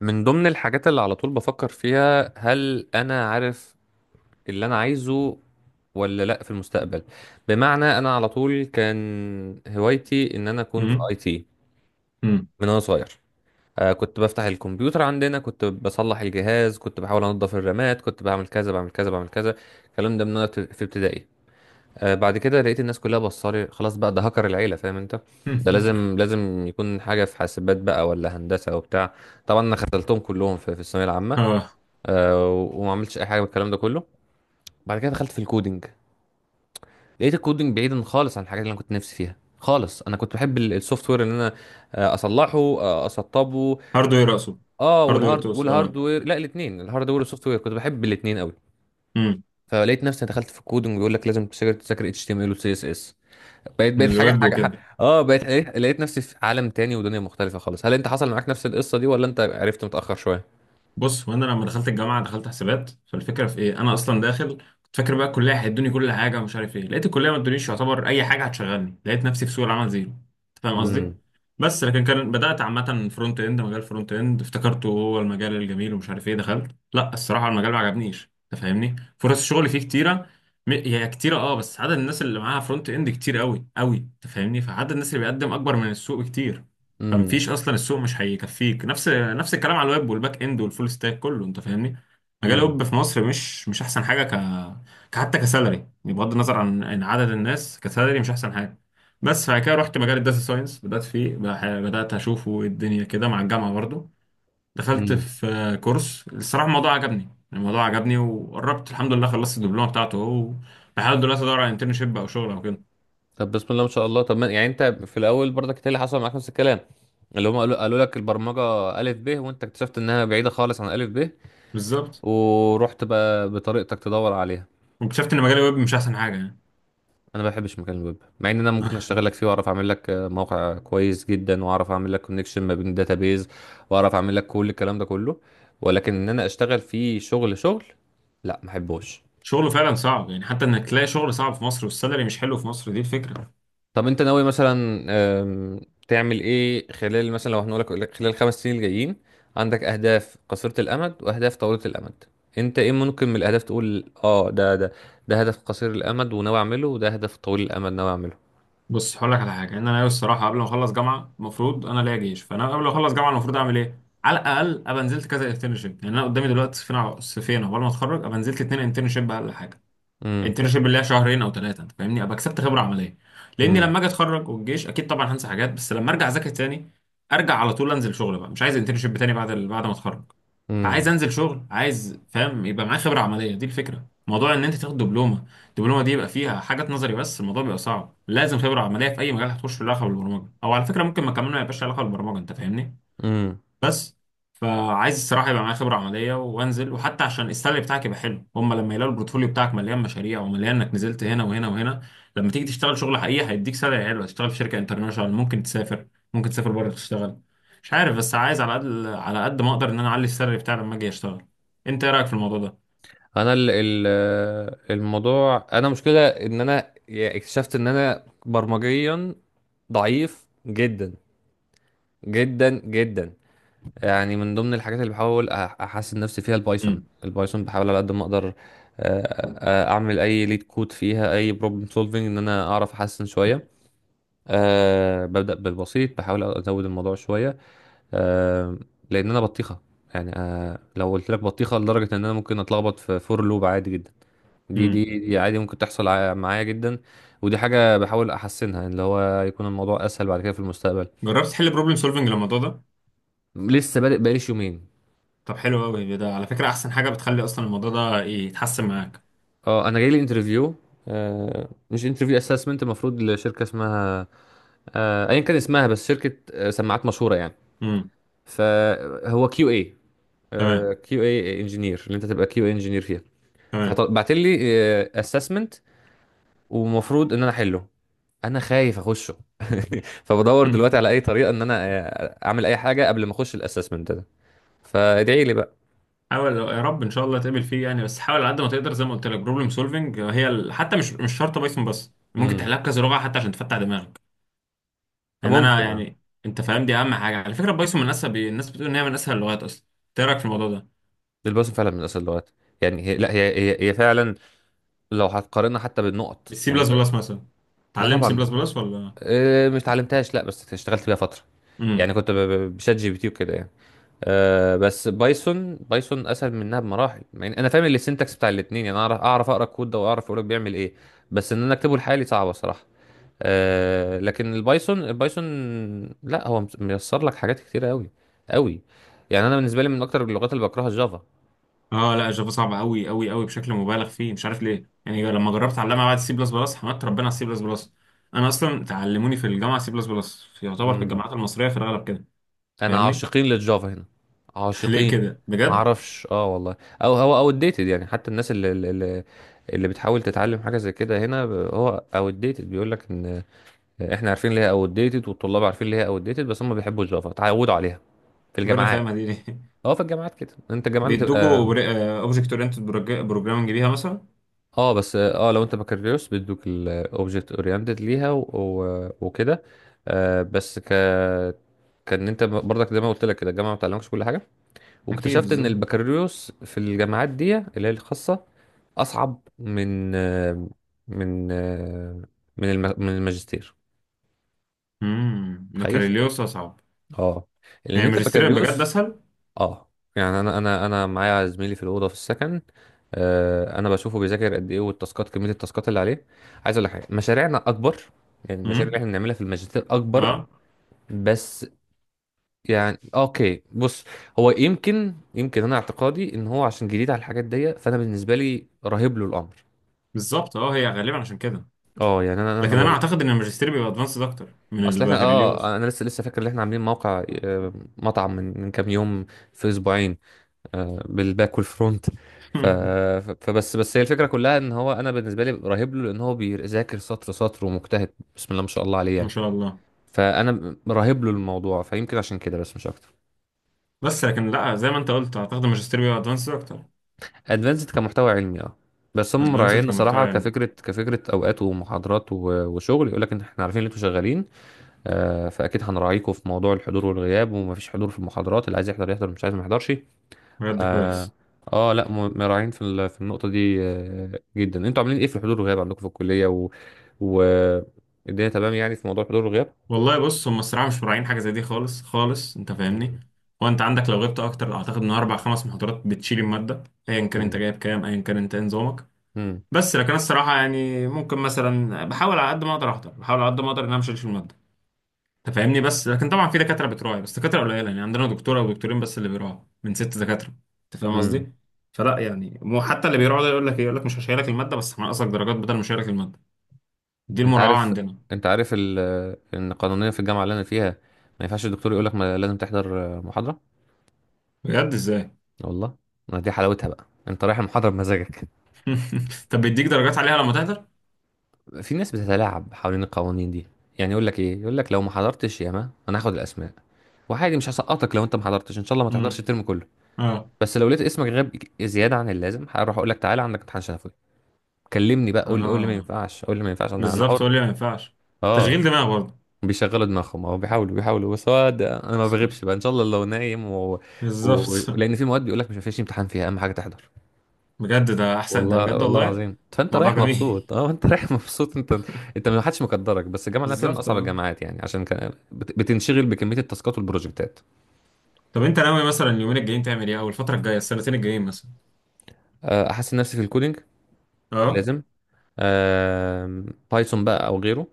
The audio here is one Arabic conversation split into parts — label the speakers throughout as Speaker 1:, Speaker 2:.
Speaker 1: من ضمن الحاجات اللي على طول بفكر فيها هل انا عارف اللي انا عايزه ولا لا في المستقبل. بمعنى انا على طول كان هوايتي ان انا اكون في اي
Speaker 2: مم.
Speaker 1: تي
Speaker 2: مم.
Speaker 1: من وانا صغير. كنت بفتح الكمبيوتر عندنا، كنت بصلح الجهاز، كنت بحاول انضف الرامات، كنت بعمل كذا بعمل كذا بعمل كذا. الكلام ده من وانا في ابتدائي. بعد كده لقيت الناس كلها بصالي خلاص بقى ده هكر العيلة، فاهم انت؟ ده لازم لازم يكون حاجة في حاسبات بقى ولا هندسة وبتاع. طبعا انا خذلتهم كلهم في الثانوية العامة.
Speaker 2: اه.
Speaker 1: آه، وما عملتش اي حاجه من الكلام ده كله. بعد كده دخلت في الكودينج، لقيت الكودينج بعيدا خالص عن الحاجات اللي انا كنت نفسي فيها خالص. انا كنت بحب السوفت وير، ان انا اصلحه، اسطبه.
Speaker 2: هاردوير اقصد.
Speaker 1: اه
Speaker 2: هاردوير
Speaker 1: والهارد
Speaker 2: تقصد، اه.
Speaker 1: والهاردوير لا الاثنين الهاردوير والسوفت وير كنت بحب الاثنين قوي.
Speaker 2: امم
Speaker 1: فلقيت نفسي دخلت في الكودينج، بيقول لك لازم تذاكر تذاكر اتش تي ام ال وسي اس اس. بقيت حاجه
Speaker 2: الويب
Speaker 1: حاجه
Speaker 2: وكده.
Speaker 1: اه بقيت لقيت نفسي في عالم تاني ودنيا مختلفه خالص. هل انت حصل معاك نفس القصه دي ولا انت عرفت متاخر شويه؟
Speaker 2: بص، وانا لما دخلت الجامعه دخلت حسابات، فالفكره في ايه؟ انا اصلا داخل كنت فاكر بقى الكليه هيدوني كل حاجه ومش عارف ايه. لقيت الكليه ما ادونيش يعتبر اي حاجه هتشغلني، لقيت نفسي في سوق العمل زيرو، انت فاهم قصدي؟
Speaker 1: امم.
Speaker 2: بس لكن كان بدات عامه فرونت اند، مجال فرونت اند افتكرته هو المجال الجميل ومش عارف ايه، دخلت، لا الصراحه المجال ما عجبنيش، انت فاهمني. فرص الشغل فيه كتيره، هي كتيره، اه، بس عدد الناس اللي معاها فرونت اند كتير قوي قوي، انت فاهمني، فعدد الناس اللي بيقدم اكبر من السوق بكتير.
Speaker 1: امم.
Speaker 2: فمفيش اصلا، السوق مش هيكفيك. نفس الكلام على الويب والباك اند والفول ستاك كله، انت فاهمني. مجال الويب في مصر مش احسن حاجه، حتى كسالري، بغض النظر عن عدد الناس، كسالري مش احسن حاجه. بس بعد كده رحت مجال الداتا ساينس، بدات فيه، بدات اشوفه إيه الدنيا كده مع الجامعه برضو. دخلت
Speaker 1: امم.
Speaker 2: في كورس، الصراحه الموضوع عجبني، الموضوع عجبني، وقربت الحمد لله خلصت الدبلومه بتاعته اهو. بحاول دلوقتي ادور على انترنشيب او شغل او كده.
Speaker 1: طب بسم الله ما شاء الله. طب ما يعني انت في الاول برضك إنت اللي حصل معاك نفس الكلام، اللي هم قالوا لك البرمجه الف ب، وانت اكتشفت انها بعيده خالص عن الف ب،
Speaker 2: بالظبط.
Speaker 1: ورحت بقى بطريقتك تدور عليها.
Speaker 2: واكتشفت ان مجال الويب مش احسن حاجه يعني.
Speaker 1: انا ما بحبش مكان الويب، مع ان انا ممكن اشتغل لك فيه واعرف اعمل لك موقع كويس جدا، واعرف اعمل لك كونكشن ما بين داتابيز، واعرف اعمل لك كل الكلام ده كله، ولكن ان انا اشتغل فيه شغل، لا ما احبوش.
Speaker 2: شغله فعلا صعب يعني، حتى انك تلاقي شغل صعب في مصر والسالري مش حلو في مصر، دي الفكره.
Speaker 1: طب انت ناوي مثلا، آم، تعمل ايه خلال، مثلا لو هنقولك، خلال 5 سنين الجايين؟ عندك اهداف قصيرة الامد واهداف طويلة الامد؟ انت ايه ممكن من الاهداف تقول اه ده ده ده هدف قصير الامد وناوي اعمله، وده هدف طويل الامد ناوي اعمله؟
Speaker 2: بص هقول لك على حاجه، ان انا الصراحه قبل ما اخلص جامعه المفروض انا ليا جيش، فانا قبل ما اخلص جامعه المفروض اعمل ايه؟ على الاقل ابقى نزلت كذا انترنشيب. يعني انا قدامي دلوقتي صفين صفين عقبال ما اتخرج، ابقى نزلت اتنين انترنشيب اقل حاجه.
Speaker 1: امم.
Speaker 2: انترنشيب اللي هي شهرين او ثلاثه، انت فاهمني، ابقى كسبت خبره عمليه. لاني
Speaker 1: امم.
Speaker 2: لما اجي اتخرج والجيش اكيد طبعا هنسى حاجات، بس لما ارجع اذاكر تاني، ارجع على طول انزل شغل بقى، مش عايز انترنشيب تاني بعد بعد ما اتخرج. فعايز
Speaker 1: امم.
Speaker 2: انزل شغل، عايز فاهم يبقى معايا خبره عمليه. دي الفكره، موضوع ان انت تاخد دبلومه، الدبلومه دي يبقى فيها حاجات نظري بس. الموضوع بيبقى صعب، لازم خبره عمليه في اي مجال هتخش، في علاقه بالبرمجه او على فكره ممكن ما كمان ما يبقاش لها علاقه بالبرمجه، انت فاهمني.
Speaker 1: امم.
Speaker 2: بس. فعايز الصراحه يبقى معايا خبره عمليه وانزل، وحتى عشان السالري بتاعك يبقى حلو، هم لما يلاقوا البورتفوليو بتاعك مليان مشاريع ومليان انك نزلت هنا وهنا وهنا، لما تيجي تشتغل شغل حقيقي هيديك سالري حلو، هتشتغل في شركه انترناشونال، ممكن تسافر، ممكن تسافر بره تشتغل. مش عارف، بس عايز على قد ما اقدر ان انا اعلي السالري بتاعي لما اجي اشتغل. انت ايه رايك في الموضوع ده؟
Speaker 1: انا ال ال الموضوع، انا مشكلة ان انا اكتشفت ان انا برمجيا ضعيف جدا جدا جدا. يعني من ضمن الحاجات اللي بحاول احسن نفسي فيها البايثون.
Speaker 2: امم
Speaker 1: بحاول على قد ما اقدر اعمل اي ليد كود فيها، اي بروبلم سولفنج، ان انا اعرف احسن شويه. أه ببدا بالبسيط، بحاول ازود الموضوع شويه. أه، لان انا بطيخه. يعني أه لو قلت لك بطيخه لدرجه ان انا ممكن اتلخبط في فور لوب عادي جدا. دي
Speaker 2: امم
Speaker 1: دي دي عادي ممكن تحصل معايا جدا. ودي حاجه بحاول احسنها، اللي هو يكون الموضوع اسهل بعد كده في المستقبل.
Speaker 2: جربت تحل بروبلم سولفنج للموضوع ده؟
Speaker 1: لسه بادئ بقاليش يومين.
Speaker 2: طب حلو قوي ده، على فكره احسن حاجه بتخلي اصلا الموضوع ده يتحسن معاك.
Speaker 1: اه انا جاي لي انترفيو، مش انترفيو، اسسمنت، المفروض لشركه اسمها، ايا كان اسمها، بس شركه سماعات مشهوره يعني.
Speaker 2: امم
Speaker 1: فهو كيو اي،
Speaker 2: تمام.
Speaker 1: كيو اي انجينير، اللي انت تبقى كيو اي انجينير فيها.
Speaker 2: تمام.
Speaker 1: فبعت لي اسسمنت، ومفروض ان انا احله. انا خايف اخشه. فبدور دلوقتي على اي طريقه ان انا اعمل اي حاجه قبل ما اخش الاسسمنت ده. فادعي لي بقى.
Speaker 2: حاول يا رب ان شاء الله تقابل فيه يعني، بس حاول على قد ما تقدر. زي ما قلت لك بروبلم سولفنج هي حتى مش شرط بايثون، بس ممكن
Speaker 1: امم.
Speaker 2: تحلها بكذا لغه حتى عشان تفتح دماغك. يعني انا
Speaker 1: ممكن، اه.
Speaker 2: يعني، انت فاهم؟ دي اهم حاجه على فكره. بايثون من اسهل، الناس بتقول ان هي من اسهل اللغات اصلا، إنت ايه رايك في الموضوع ده؟
Speaker 1: الباسم فعلا من اصل اللغات. يعني هي لا هي فعلا، لو هتقارنها حتى بالنقط
Speaker 2: بالسي
Speaker 1: يعني،
Speaker 2: بلس
Speaker 1: انت.
Speaker 2: بلس مثلا؟
Speaker 1: لا
Speaker 2: اتعلمت سي
Speaker 1: طبعا.
Speaker 2: بلس بلس ولا؟
Speaker 1: مش اتعلمتهاش، لا بس اشتغلت بيها فتره. يعني
Speaker 2: امم
Speaker 1: كنت بشات جي بي تي وكده يعني. أه بس بايثون اسهل منها بمراحل، يعني انا فاهم السنتكس بتاع الاثنين، يعني اعرف اقرا الكود ده واعرف يقولك بيعمل ايه، بس ان انا اكتبه لحالي صعبه صراحه. أه لكن البايثون، لا هو ميسر لك حاجات كتيره قوي قوي. يعني انا بالنسبه لي من اكتر اللغات اللي بكرهها
Speaker 2: اه لا، جافا صعبه قوي قوي قوي بشكل مبالغ فيه، مش عارف ليه. يعني لما جربت اتعلمها بعد السي بلس بلس حمدت ربنا على السي بلس بلس. انا اصلا تعلموني في الجامعه سي بلس بلس، يعتبر في
Speaker 1: الجافا.
Speaker 2: الجامعات المصريه في الغالب كده.
Speaker 1: انا
Speaker 2: فاهمني.
Speaker 1: عاشقين للجافا هنا،
Speaker 2: ليه
Speaker 1: عاشقين
Speaker 2: كده
Speaker 1: ما
Speaker 2: بجد؟
Speaker 1: اعرفش، اه والله. او هو او ديتد، يعني حتى الناس اللي بتحاول تتعلم حاجه زي كده هنا هو او ديتد. بيقول لك ان احنا عارفين ليه او ديتد، والطلاب عارفين ليه او ديتد، بس هم بيحبوا الجافا اتعودوا عليها في
Speaker 2: طب إيه
Speaker 1: الجامعات.
Speaker 2: الرخامة دي ليه؟
Speaker 1: اه في الجامعات كده، انت الجامعات
Speaker 2: بيدوكوا
Speaker 1: بتبقى،
Speaker 2: اوبجكت اورينتد بروجرامنج بيها مثلا؟
Speaker 1: اه بس اه لو انت بكالوريوس بيدوك الاوبجكت اورينتد ليها وكده. آه بس ك كان انت برضك زي ما قلت لك كده، الجامعه ما بتعلمكش كل حاجه.
Speaker 2: اكيد،
Speaker 1: واكتشفت ان
Speaker 2: بالظبط.
Speaker 1: البكالوريوس في الجامعات دي اللي هي الخاصه، اصعب من، من، من من الماجستير. تخيل.
Speaker 2: بكالوريوس اصعب.
Speaker 1: اه لان
Speaker 2: يعني
Speaker 1: انت
Speaker 2: ماجستير بجد
Speaker 1: بكالوريوس.
Speaker 2: اسهل؟
Speaker 1: اه يعني انا معايا زميلي في الاوضه في السكن، انا بشوفه بيذاكر قد ايه، والتاسكات، كميه التاسكات اللي عليه. عايز اقول لك حاجه، مشاريعنا اكبر، يعني المشاريع اللي
Speaker 2: امم
Speaker 1: احنا بنعملها في الماجستير اكبر.
Speaker 2: اه
Speaker 1: بس، يعني اوكي بص، هو يمكن انا اعتقادي ان هو عشان جديد على الحاجات دي، فانا بالنسبه لي رهيب له الامر.
Speaker 2: بالظبط، اه هي غالبا عشان كده.
Speaker 1: اه يعني
Speaker 2: لكن انا اعتقد ان الماجستير بيبقى ادفانسد اكتر من
Speaker 1: اصل احنا
Speaker 2: البكالوريوس.
Speaker 1: اه انا لسه فاكر ان احنا عاملين موقع مطعم من، من كام يوم، في اسبوعين، بالباك والفرونت. ف... ف- فبس بس هي الفكره كلها ان هو انا بالنسبه لي رهيب له، لان هو بيذاكر سطر سطر، ومجتهد بسم الله ما شاء الله عليه
Speaker 2: ما
Speaker 1: يعني.
Speaker 2: شاء الله.
Speaker 1: فانا رهيب له الموضوع، فيمكن عشان كده بس مش اكتر.
Speaker 2: بس لكن لا، زي ما انت قلت اعتقد الماجستير بيبقى ادفانسد اكتر.
Speaker 1: ادفانسد كمحتوى علمي، اه. بس هم
Speaker 2: ادفانسد
Speaker 1: مراعيين
Speaker 2: كمحتوى
Speaker 1: صراحه
Speaker 2: علمي.
Speaker 1: كفكره، كفكره اوقات ومحاضرات وشغل. يقول لك ان احنا عارفين ان انتوا شغالين، فاكيد هنراعيكم في موضوع الحضور والغياب. ومفيش حضور في المحاضرات، اللي عايز يحضر يحضر، مش عايز ما يحضرش.
Speaker 2: بجد
Speaker 1: اه،
Speaker 2: كويس.
Speaker 1: لا مراعيين في في النقطه دي جدا. انتوا عاملين ايه في الحضور والغياب عندكم في الكليه و... الدنيا تمام يعني في موضوع الحضور والغياب؟
Speaker 2: والله بص، هم الصراحه مش مراعين حاجه زي دي خالص خالص، انت فاهمني. هو انت عندك لو غبت اكتر، اعتقد ان اربع خمس محاضرات بتشيل الماده، ايا كان انت
Speaker 1: امم.
Speaker 2: جايب كام، ايا كان انت إيه نظامك.
Speaker 1: امم.
Speaker 2: بس لكن أنا الصراحه يعني ممكن مثلا بحاول على قد ما اقدر احضر، بحاول على قد ما اقدر ان انا مش هشيل الماده، انت فاهمني. بس لكن طبعا في دكاتره بتراعي، بس دكاتره قليله. يعني عندنا دكتوره ودكتورين بس اللي بيراعوا من ست دكاتره، انت فاهم
Speaker 1: امم.
Speaker 2: قصدي؟ فلا يعني، مو حتى اللي بيراعوا ده يقول لك ايه، يقول لك مش هشيلك الماده بس هنقصك درجات بدل ما اشيلك الماده، دي
Speaker 1: انت
Speaker 2: المراعاه
Speaker 1: عارف،
Speaker 2: عندنا.
Speaker 1: انت عارف ال... ان قانونيا في الجامعه اللي انا فيها، ما ينفعش الدكتور يقول لك ما لازم تحضر محاضره.
Speaker 2: بجد ازاي؟
Speaker 1: والله. ما دي حلاوتها بقى، انت رايح المحاضره بمزاجك.
Speaker 2: طب بيديك درجات عليها لما تحضر؟
Speaker 1: في ناس بتتلاعب حوالين القوانين دي، يعني يقول لك ايه، يقول لك لو ما حضرتش ياما انا هاخد الاسماء، وعادي مش هسقطك لو انت ما حضرتش، ان شاء الله ما تحضرش
Speaker 2: امم
Speaker 1: الترم كله.
Speaker 2: اه.
Speaker 1: بس لو لقيت اسمك غاب زياده عن اللازم، هروح اقول لك تعالى عندك امتحان شفوي. كلمني بقى، قول لي ما
Speaker 2: اه
Speaker 1: ينفعش، قول لي ما ينفعش، انا انا
Speaker 2: بالظبط،
Speaker 1: حر.
Speaker 2: قول لي ما ينفعش.
Speaker 1: اه.
Speaker 2: تشغيل دماغ برضه.
Speaker 1: بيشغلوا دماغهم، او بيحاولوا، بس هو انا ما بغيبش بقى ان شاء الله، لو نايم
Speaker 2: بالظبط.
Speaker 1: لان في مواد بيقول لك مش مفيش امتحان فيها، اهم حاجه تحضر.
Speaker 2: بجد ده احسن، ده
Speaker 1: والله
Speaker 2: بجد
Speaker 1: والله
Speaker 2: والله.
Speaker 1: العظيم، فانت
Speaker 2: موضوع
Speaker 1: رايح
Speaker 2: جميل.
Speaker 1: مبسوط، اه انت رايح مبسوط انت. انت ما حدش مقدرك، بس الجامعه اللي انا فيها من
Speaker 2: بالظبط،
Speaker 1: اصعب
Speaker 2: اه.
Speaker 1: الجامعات، يعني عشان كان بتنشغل بكميه التاسكات والبروجكتات.
Speaker 2: طب انت ناوي مثلا اليومين الجايين تعمل ايه، او الفتره الجايه السنتين الجايين مثلا؟
Speaker 1: احسن نفسي في الكودينج،
Speaker 2: اه.
Speaker 1: لازم. آم، بايثون بقى او غيره.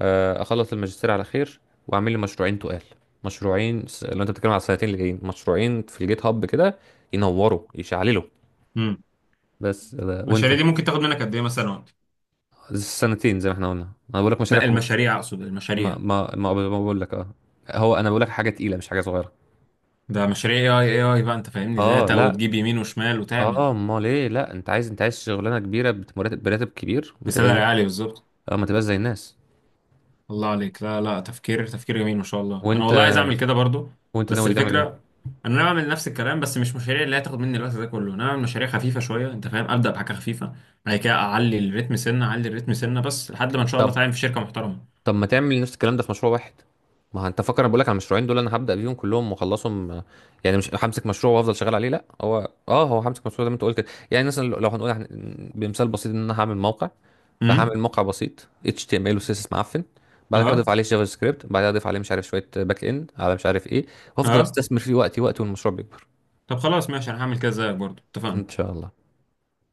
Speaker 1: اخلص الماجستير على خير. واعمل لي مشروعين تقال، مشروعين لو انت بتتكلم على السنتين اللي جايين، مشروعين في الجيت هاب كده، ينوروا يشعللوا.
Speaker 2: امم
Speaker 1: بس وانت.
Speaker 2: المشاريع دي ممكن تاخد منك قد ايه مثلا وقت؟
Speaker 1: السنتين زي ما احنا قلنا. انا بقول لك مشاريع
Speaker 2: لا المشاريع، اقصد
Speaker 1: ما
Speaker 2: المشاريع.
Speaker 1: ما ما ما بقول لك اه، هو انا بقول لك حاجه تقيله مش حاجه صغيره.
Speaker 2: ده مشاريع اي اي اي بقى، انت فاهمني،
Speaker 1: اه
Speaker 2: داتا
Speaker 1: لا.
Speaker 2: وتجيب يمين وشمال وتعمل.
Speaker 1: اه امال ايه، لا انت عايز، انت عايز شغلانه كبيره بمرتب براتب كبير، ما تبقاش
Speaker 2: بسالري عالي، بالظبط.
Speaker 1: اه ما تبقاش زي الناس.
Speaker 2: الله عليك، لا لا، تفكير تفكير جميل ما شاء الله، انا
Speaker 1: وانت،
Speaker 2: والله عايز اعمل كده برضو.
Speaker 1: وانت
Speaker 2: بس
Speaker 1: ناوي تعمل ايه؟
Speaker 2: الفكره، انا بعمل نفس الكلام، بس مش مشاريع اللي هتاخد مني الوقت ده كله. انا بعمل مشاريع خفيفه شويه، انت فاهم، ابدا بحاجه خفيفه. بعد كده اعلي الريتم سنه، اعلي الريتم سنه، بس لحد ما ان شاء الله
Speaker 1: طب،
Speaker 2: اتعين في شركه محترمه.
Speaker 1: طب ما تعمل نفس الكلام ده في مشروع واحد. ما هو انت فاكر انا بقول لك على المشروعين دول، انا هبدا بيهم كلهم واخلصهم. يعني مش همسك مشروع وافضل شغال عليه، لا هو اه هو همسك مشروع زي ما انت قلت كده، يعني مثلا لو لو هنقول بمثال بسيط، ان انا هعمل موقع. فهعمل
Speaker 2: امم
Speaker 1: موقع بسيط HTML و CSS معفن، بعد كده اضيف
Speaker 2: اه.
Speaker 1: عليه جافا سكريبت، بعدها اضيف عليه مش عارف شويه باك اند على مش عارف ايه، وافضل
Speaker 2: اه
Speaker 1: استثمر فيه وقتي والمشروع بيكبر،
Speaker 2: طب خلاص ماشي، انا هعمل كده زيك برضو،
Speaker 1: ان
Speaker 2: اتفقنا.
Speaker 1: شاء الله.